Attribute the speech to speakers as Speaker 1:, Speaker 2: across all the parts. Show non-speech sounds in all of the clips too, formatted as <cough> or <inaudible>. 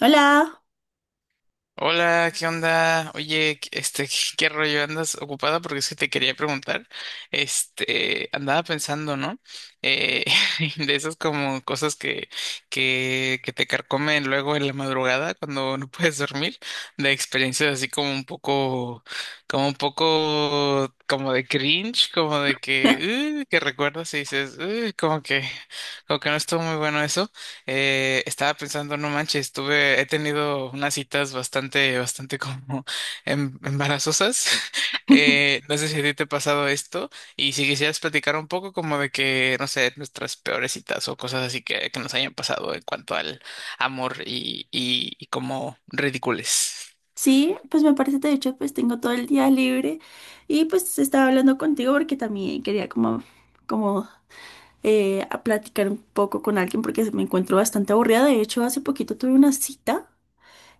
Speaker 1: Hola.
Speaker 2: Hola, ¿qué onda? Oye, <laughs> ¿qué rollo? ¿Andas ocupada? Porque es que te quería preguntar. Este, andaba pensando, ¿no? Eh, <laughs> de esas como cosas que te carcomen luego en la madrugada cuando no puedes dormir, de experiencias así como un poco, como un poco, como de cringe, como de
Speaker 1: <laughs>
Speaker 2: que recuerdas y dices, como que no estuvo muy bueno. Estaba pensando, no manches, tuve, he tenido unas citas bastante, bastante como embarazosas. <laughs> No sé si a ti te ha pasado esto y si quisieras platicar un poco como de que, no sé, nuestras peores citas o cosas así que nos hayan pasado en cuanto al amor y como ridicules.
Speaker 1: Sí, pues me parece, de hecho, pues tengo todo el día libre y pues estaba hablando contigo porque también quería como a platicar un poco con alguien porque me encuentro bastante aburrida. De hecho, hace poquito tuve una cita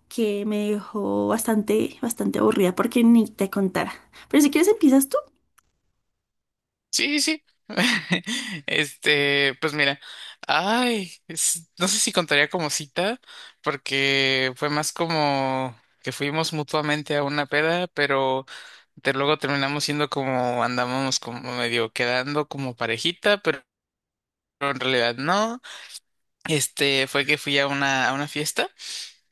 Speaker 1: que me dejó bastante, bastante aburrida porque ni te contara. Pero si quieres empiezas tú.
Speaker 2: Sí, sí. <laughs> Este, pues mira, ay, no sé si contaría como cita, porque fue más como que fuimos mutuamente a una peda, pero de luego terminamos siendo como andábamos como medio quedando como parejita, pero en realidad no. Este, fue que fui a una fiesta.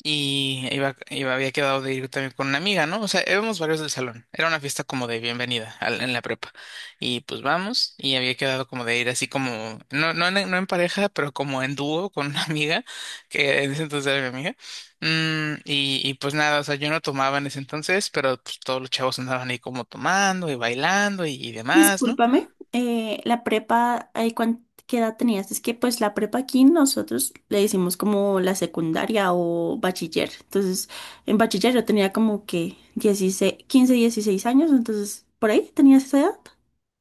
Speaker 2: Y había quedado de ir también con una amiga, ¿no? O sea, éramos varios del salón. Era una fiesta como de bienvenida en la prepa. Y pues vamos, y había quedado como de ir así como, no, no, no en pareja, pero como en dúo con una amiga, que en ese entonces era mi amiga. Mm, y pues nada, o sea, yo no tomaba en ese entonces, pero pues todos los chavos andaban ahí como tomando y bailando y demás, ¿no?
Speaker 1: Discúlpame, la prepa, ¿qué edad tenías? Es que pues la prepa aquí nosotros le decimos como la secundaria o bachiller. Entonces, en bachiller yo tenía como que 16, 15, 16 años, entonces, ¿por ahí tenías esa edad?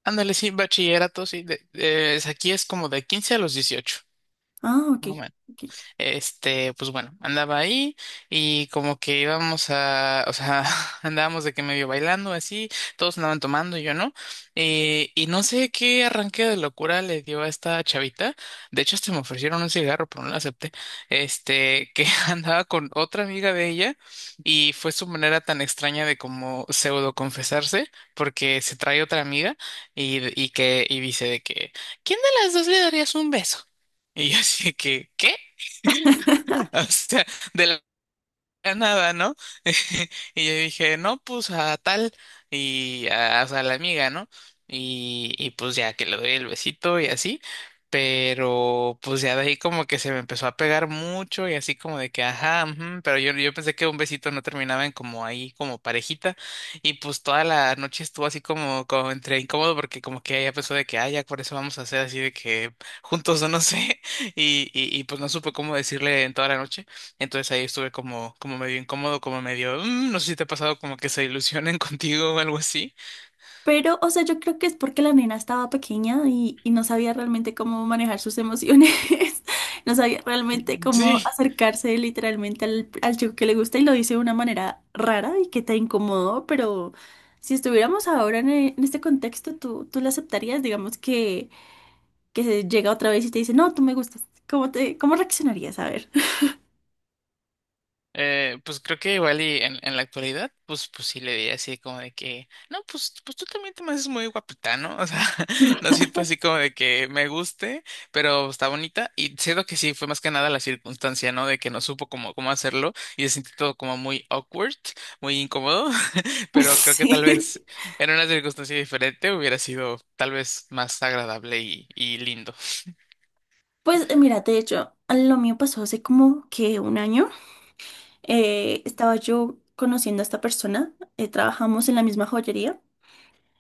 Speaker 2: Ándale, sí, bachillerato, sí. Aquí es como de 15 a los 18.
Speaker 1: Ah, ok,
Speaker 2: No.
Speaker 1: ok.
Speaker 2: Este, pues bueno, andaba ahí y como que íbamos a, o sea, <laughs> andábamos de que medio bailando así, todos andaban tomando y yo no. Y no sé qué arranque de locura le dio a esta chavita. De hecho, hasta me ofrecieron un cigarro, pero no lo acepté. Este, que <laughs> andaba con otra amiga de ella y fue su manera tan extraña de como pseudo confesarse, porque se trae otra amiga y dice de que, ¿quién de las dos le darías un beso? Y yo así de que, ¿qué? <laughs> <laughs>
Speaker 1: <laughs>
Speaker 2: O sea, de la nada, ¿no? <laughs> Y yo dije, no, pues a tal y a, o sea, a la amiga, ¿no? Y pues ya que le doy el besito y así, pero pues ya de ahí como que se me empezó a pegar mucho y así como de que, ajá, ujú, pero yo pensé que un besito no terminaba en como ahí, como parejita, y pues toda la noche estuvo así como, como entre incómodo porque como que ella pensó de que, ah, ya por eso vamos a hacer así de que juntos o no sé, <laughs> y pues no supe cómo decirle en toda la noche. Entonces ahí estuve como, como medio incómodo, como medio, "Mm, no sé si te ha pasado como que se ilusionen <laughs> contigo o algo así".
Speaker 1: Pero, o sea, yo creo que es porque la nena estaba pequeña y no sabía realmente cómo manejar sus emociones. <laughs> No sabía realmente cómo
Speaker 2: Sí.
Speaker 1: acercarse literalmente al chico que le gusta y lo hice de una manera rara y que te incomodó, pero si estuviéramos ahora en este contexto, ¿tú la aceptarías? Digamos que, se llega otra vez y te dice, no, tú me gustas. ¿Cómo te, cómo reaccionarías? A ver.
Speaker 2: Pues creo que igual y en la actualidad, pues, pues sí le diría así como de que, no, pues, pues tú también te me haces muy guapita, ¿no? O sea, <laughs> no siento así como de que me guste, pero está bonita y siento que sí, fue más que nada la circunstancia, ¿no? De que no supo cómo, cómo hacerlo y se sintió todo como muy awkward, muy incómodo, <laughs> pero creo
Speaker 1: <laughs>
Speaker 2: que tal vez
Speaker 1: Sí.
Speaker 2: en una circunstancia diferente hubiera sido tal vez más agradable y lindo.
Speaker 1: Pues mira, de hecho, lo mío pasó hace como que un año. Estaba yo conociendo a esta persona, trabajamos en la misma joyería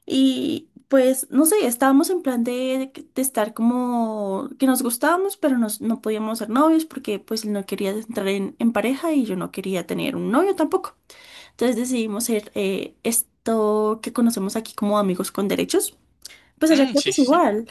Speaker 1: y pues no sé, estábamos en plan de estar como que nos gustábamos, pero no podíamos ser novios porque pues él no quería entrar en pareja y yo no quería tener un novio tampoco. Entonces decidimos ser esto que conocemos aquí como amigos con derechos. Pues allá
Speaker 2: Mm,
Speaker 1: creo que
Speaker 2: sí,
Speaker 1: es
Speaker 2: sí.
Speaker 1: igual.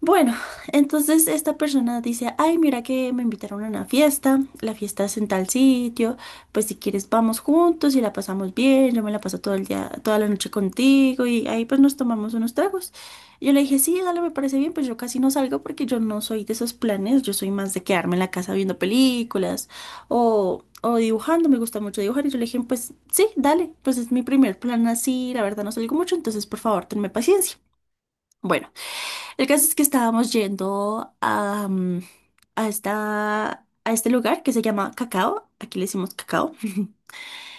Speaker 1: Bueno, entonces esta persona dice, ay, mira que me invitaron a una fiesta, la fiesta es en tal sitio, pues si quieres vamos juntos y la pasamos bien, yo me la paso todo el día, toda la noche contigo y ahí pues nos tomamos unos tragos. Yo le dije, sí, dale, me parece bien, pues yo casi no salgo porque yo no soy de esos planes, yo soy más de quedarme en la casa viendo películas o dibujando, me gusta mucho dibujar y yo le dije, pues sí, dale, pues es mi primer plan así, la verdad no salgo mucho, entonces por favor, tenme paciencia. Bueno. El caso es que estábamos yendo a, mm, a, esta, a este lugar que se llama Cacao. Aquí le decimos Cacao. <laughs>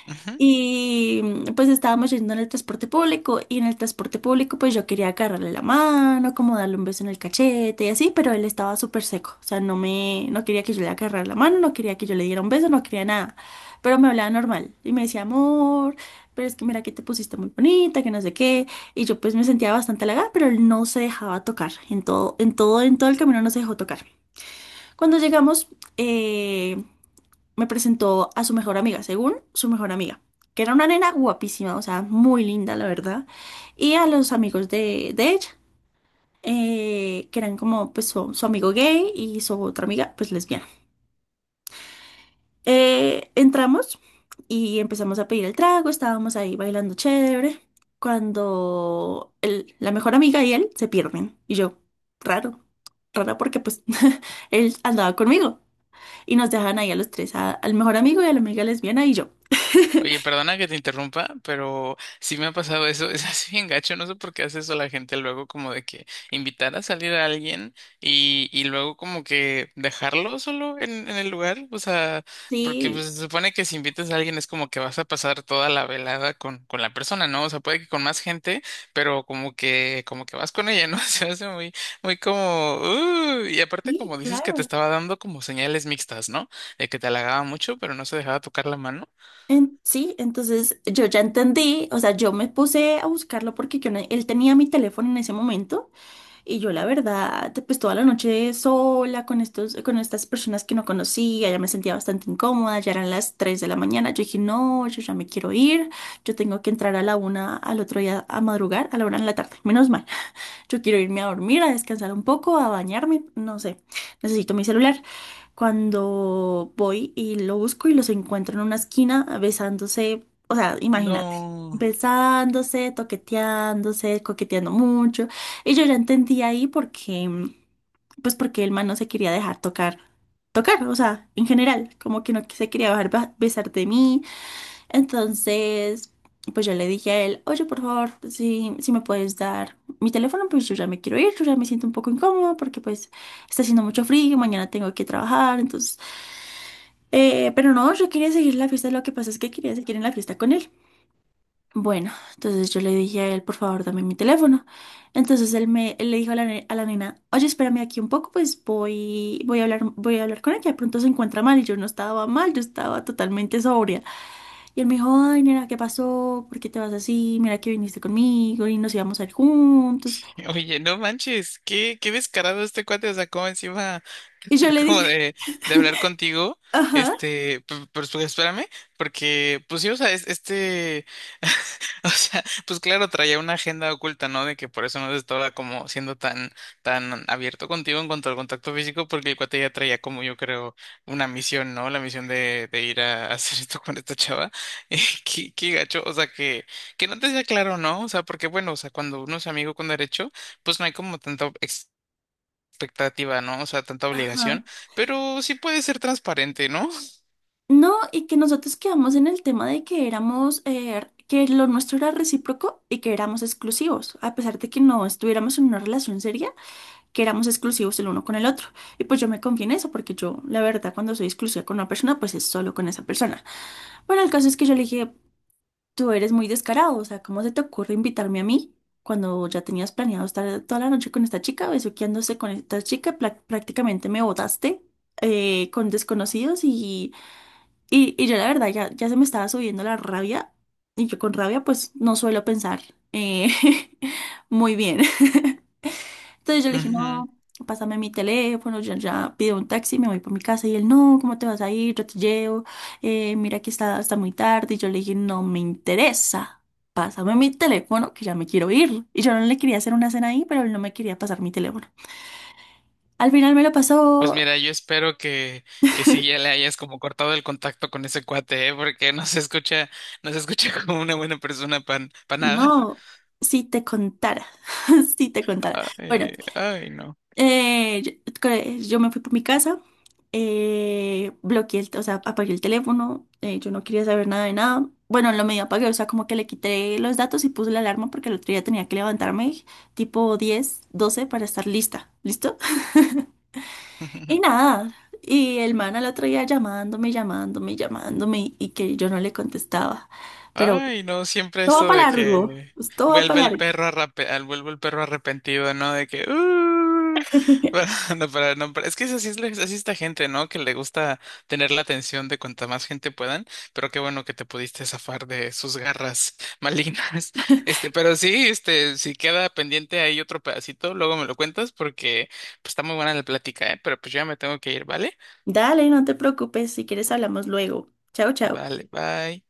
Speaker 2: Sí.
Speaker 1: Y pues estábamos yendo en el transporte público y en el transporte público pues yo quería agarrarle la mano, como darle un beso en el cachete y así, pero él estaba súper seco, o sea, no quería que yo le agarrara la mano, no quería que yo le diera un beso, no quería nada, pero me hablaba normal y me decía, amor, pero es que mira que te pusiste muy bonita, que no sé qué, y yo pues me sentía bastante halagada, pero él no se dejaba tocar, en todo, en todo, en todo el camino no se dejó tocar. Cuando llegamos, eh, me presentó a su mejor amiga, según su mejor amiga, que era una nena guapísima, o sea, muy linda, la verdad, y a los amigos de ella, que eran como pues su amigo gay y su otra amiga, pues lesbiana. Entramos y empezamos a pedir el trago, estábamos ahí bailando chévere, cuando la mejor amiga y él se pierden, y yo, raro. Raro porque pues <laughs> él andaba conmigo y nos dejan ahí a los tres, a- al mejor amigo y a la amiga lesbiana y yo.
Speaker 2: Oye, perdona que te interrumpa, pero sí me ha pasado eso, <laughs> es así bien gacho, no sé por qué hace eso la gente luego como de que invitar a salir a alguien y luego como que dejarlo solo en el lugar, o sea, porque
Speaker 1: Sí,
Speaker 2: pues, se supone que si invitas a alguien es como que vas a pasar toda la velada con la persona, ¿no? O sea, puede que con más gente, pero como que vas con ella, ¿no? <laughs> Se hace muy, muy como, y aparte
Speaker 1: sí,
Speaker 2: como dices que te
Speaker 1: claro.
Speaker 2: estaba dando como señales mixtas, ¿no? De que te halagaba mucho, pero no se dejaba tocar la mano.
Speaker 1: Sí, entonces yo ya entendí, o sea, yo me puse a buscarlo porque yo no- él tenía mi teléfono en ese momento y yo la verdad, pues toda la noche sola con estos, con estas personas que no conocía, ya me sentía bastante incómoda, ya eran las 3 de la mañana, yo dije, no, yo ya me quiero ir, yo tengo que entrar a la 1 al otro día a madrugar, a la 1 de la tarde, menos mal. Yo quiero irme a dormir, a descansar un poco, a bañarme, no sé, necesito mi celular. Cuando voy y lo busco y los encuentro en una esquina besándose, o sea, imagínate,
Speaker 2: No.
Speaker 1: besándose, toqueteándose, coqueteando mucho. Y yo ya entendí ahí porque pues porque el man no se quería dejar tocar, tocar, o sea, en general, como que no se quería dejar besar de mí. Entonces, pues yo le dije a él, oye, por favor, si me puedes dar mi teléfono, pues yo ya me quiero ir, yo ya me siento un poco incómodo porque pues está haciendo mucho frío, mañana tengo que trabajar, entonces, pero no, yo quería seguir la fiesta, lo que pasa es que quería seguir en la fiesta con él. Bueno, entonces yo le dije a él, por favor, dame mi teléfono. Entonces él le dijo a la, a la nena, oye, espérame aquí un poco, pues voy a hablar con ella. De pronto se encuentra mal y yo no estaba mal, yo estaba totalmente sobria. Y él me dijo, ay, nena, ¿qué pasó? ¿Por qué te vas así? Mira que viniste conmigo y nos íbamos a ir juntos.
Speaker 2: <laughs> Oye, no manches, qué, qué descarado este cuate, o sea, sacó encima.
Speaker 1: Y yo le
Speaker 2: <laughs> Como
Speaker 1: dije,
Speaker 2: de hablar
Speaker 1: <laughs>
Speaker 2: contigo.
Speaker 1: ajá,
Speaker 2: Este, pero pues, espérame, porque pues sí, o sea, <laughs> o sea, pues claro, traía una agenda oculta, ¿no? De que por eso no estaba como siendo tan, tan abierto contigo en cuanto al contacto físico, porque el cuate ya traía como yo creo una misión, ¿no? La misión de ir a <laughs> hacer esto con esta chava. <laughs> Eh, qué, qué gacho, o sea, que no te sea claro, ¿no? O sea, porque bueno, o sea, cuando uno es amigo con derecho, pues no hay como tanto expectativa, ¿no? O sea, tanta
Speaker 1: ajá.
Speaker 2: obligación, pero sí puede ser transparente, ¿no? <laughs>
Speaker 1: No, y que nosotros quedamos en el tema de que que lo nuestro era recíproco y que éramos exclusivos, a pesar de que no estuviéramos en una relación seria, que éramos exclusivos el uno con el otro. Y pues yo me confié en eso, porque yo, la verdad, cuando soy exclusiva con una persona, pues es solo con esa persona. Bueno, el caso es que yo le dije, tú eres muy descarado, o sea, ¿cómo se te ocurre invitarme a mí cuando ya tenías planeado estar toda la noche con esta chica, besuqueándose con esta chica? Pla- prácticamente me botaste con desconocidos y, y yo la verdad ya, se me estaba subiendo la rabia y yo con rabia pues no suelo pensar eh, <laughs> muy bien. Entonces yo le dije,
Speaker 2: Ujú.
Speaker 1: no, pásame mi teléfono, ya pido un taxi, me voy para mi casa. Y él, no, ¿cómo te vas a ir? Yo te llevo, mira que está hasta muy tarde. Y yo le dije, no me interesa, pásame mi teléfono, que ya me quiero ir. Y yo no le quería hacer una cena ahí, pero él no me quería pasar mi teléfono. Al final me lo
Speaker 2: Pues
Speaker 1: pasó,
Speaker 2: mira, yo espero que sí ya le hayas como cortado el contacto con ese cuate, ¿eh? Porque no se escucha, no se escucha <laughs> como una buena persona pan, para nada.
Speaker 1: no, si te contara, <laughs> si te contara. Bueno,
Speaker 2: Ay, ay, no.
Speaker 1: Eh, yo, yo me fui por mi casa, o sea, apagué el teléfono, yo no quería saber nada de nada. Bueno, en lo medio apagué, o sea, como que le quité los datos y puse la alarma porque el otro día tenía que levantarme tipo 10, 12 para estar lista, ¿listo? Y
Speaker 2: <laughs>
Speaker 1: nada, y el man al otro día llamándome, llamándome, llamándome y que yo no le contestaba. Pero bueno,
Speaker 2: Ay, no, siempre
Speaker 1: todo va
Speaker 2: esto
Speaker 1: para
Speaker 2: de
Speaker 1: largo,
Speaker 2: que
Speaker 1: todo va para
Speaker 2: vuelve el
Speaker 1: largo.
Speaker 2: perro arrepentido, ¿no? De que <laughs> para-
Speaker 1: <laughs>
Speaker 2: no, para- no, para- es que es así así esta gente, ¿no? Que le gusta tener la atención de cuanta más gente puedan, pero qué bueno que te pudiste zafar de sus garras malignas. <laughs> Este, pero sí, este, si queda pendiente ahí otro pedacito, luego me lo cuentas porque pues, está muy buena la plática, ¿eh? Pero pues yo ya me tengo que ir, ¿vale?
Speaker 1: Dale, no te preocupes, si quieres hablamos luego. Chao, chao.
Speaker 2: Vale, bye.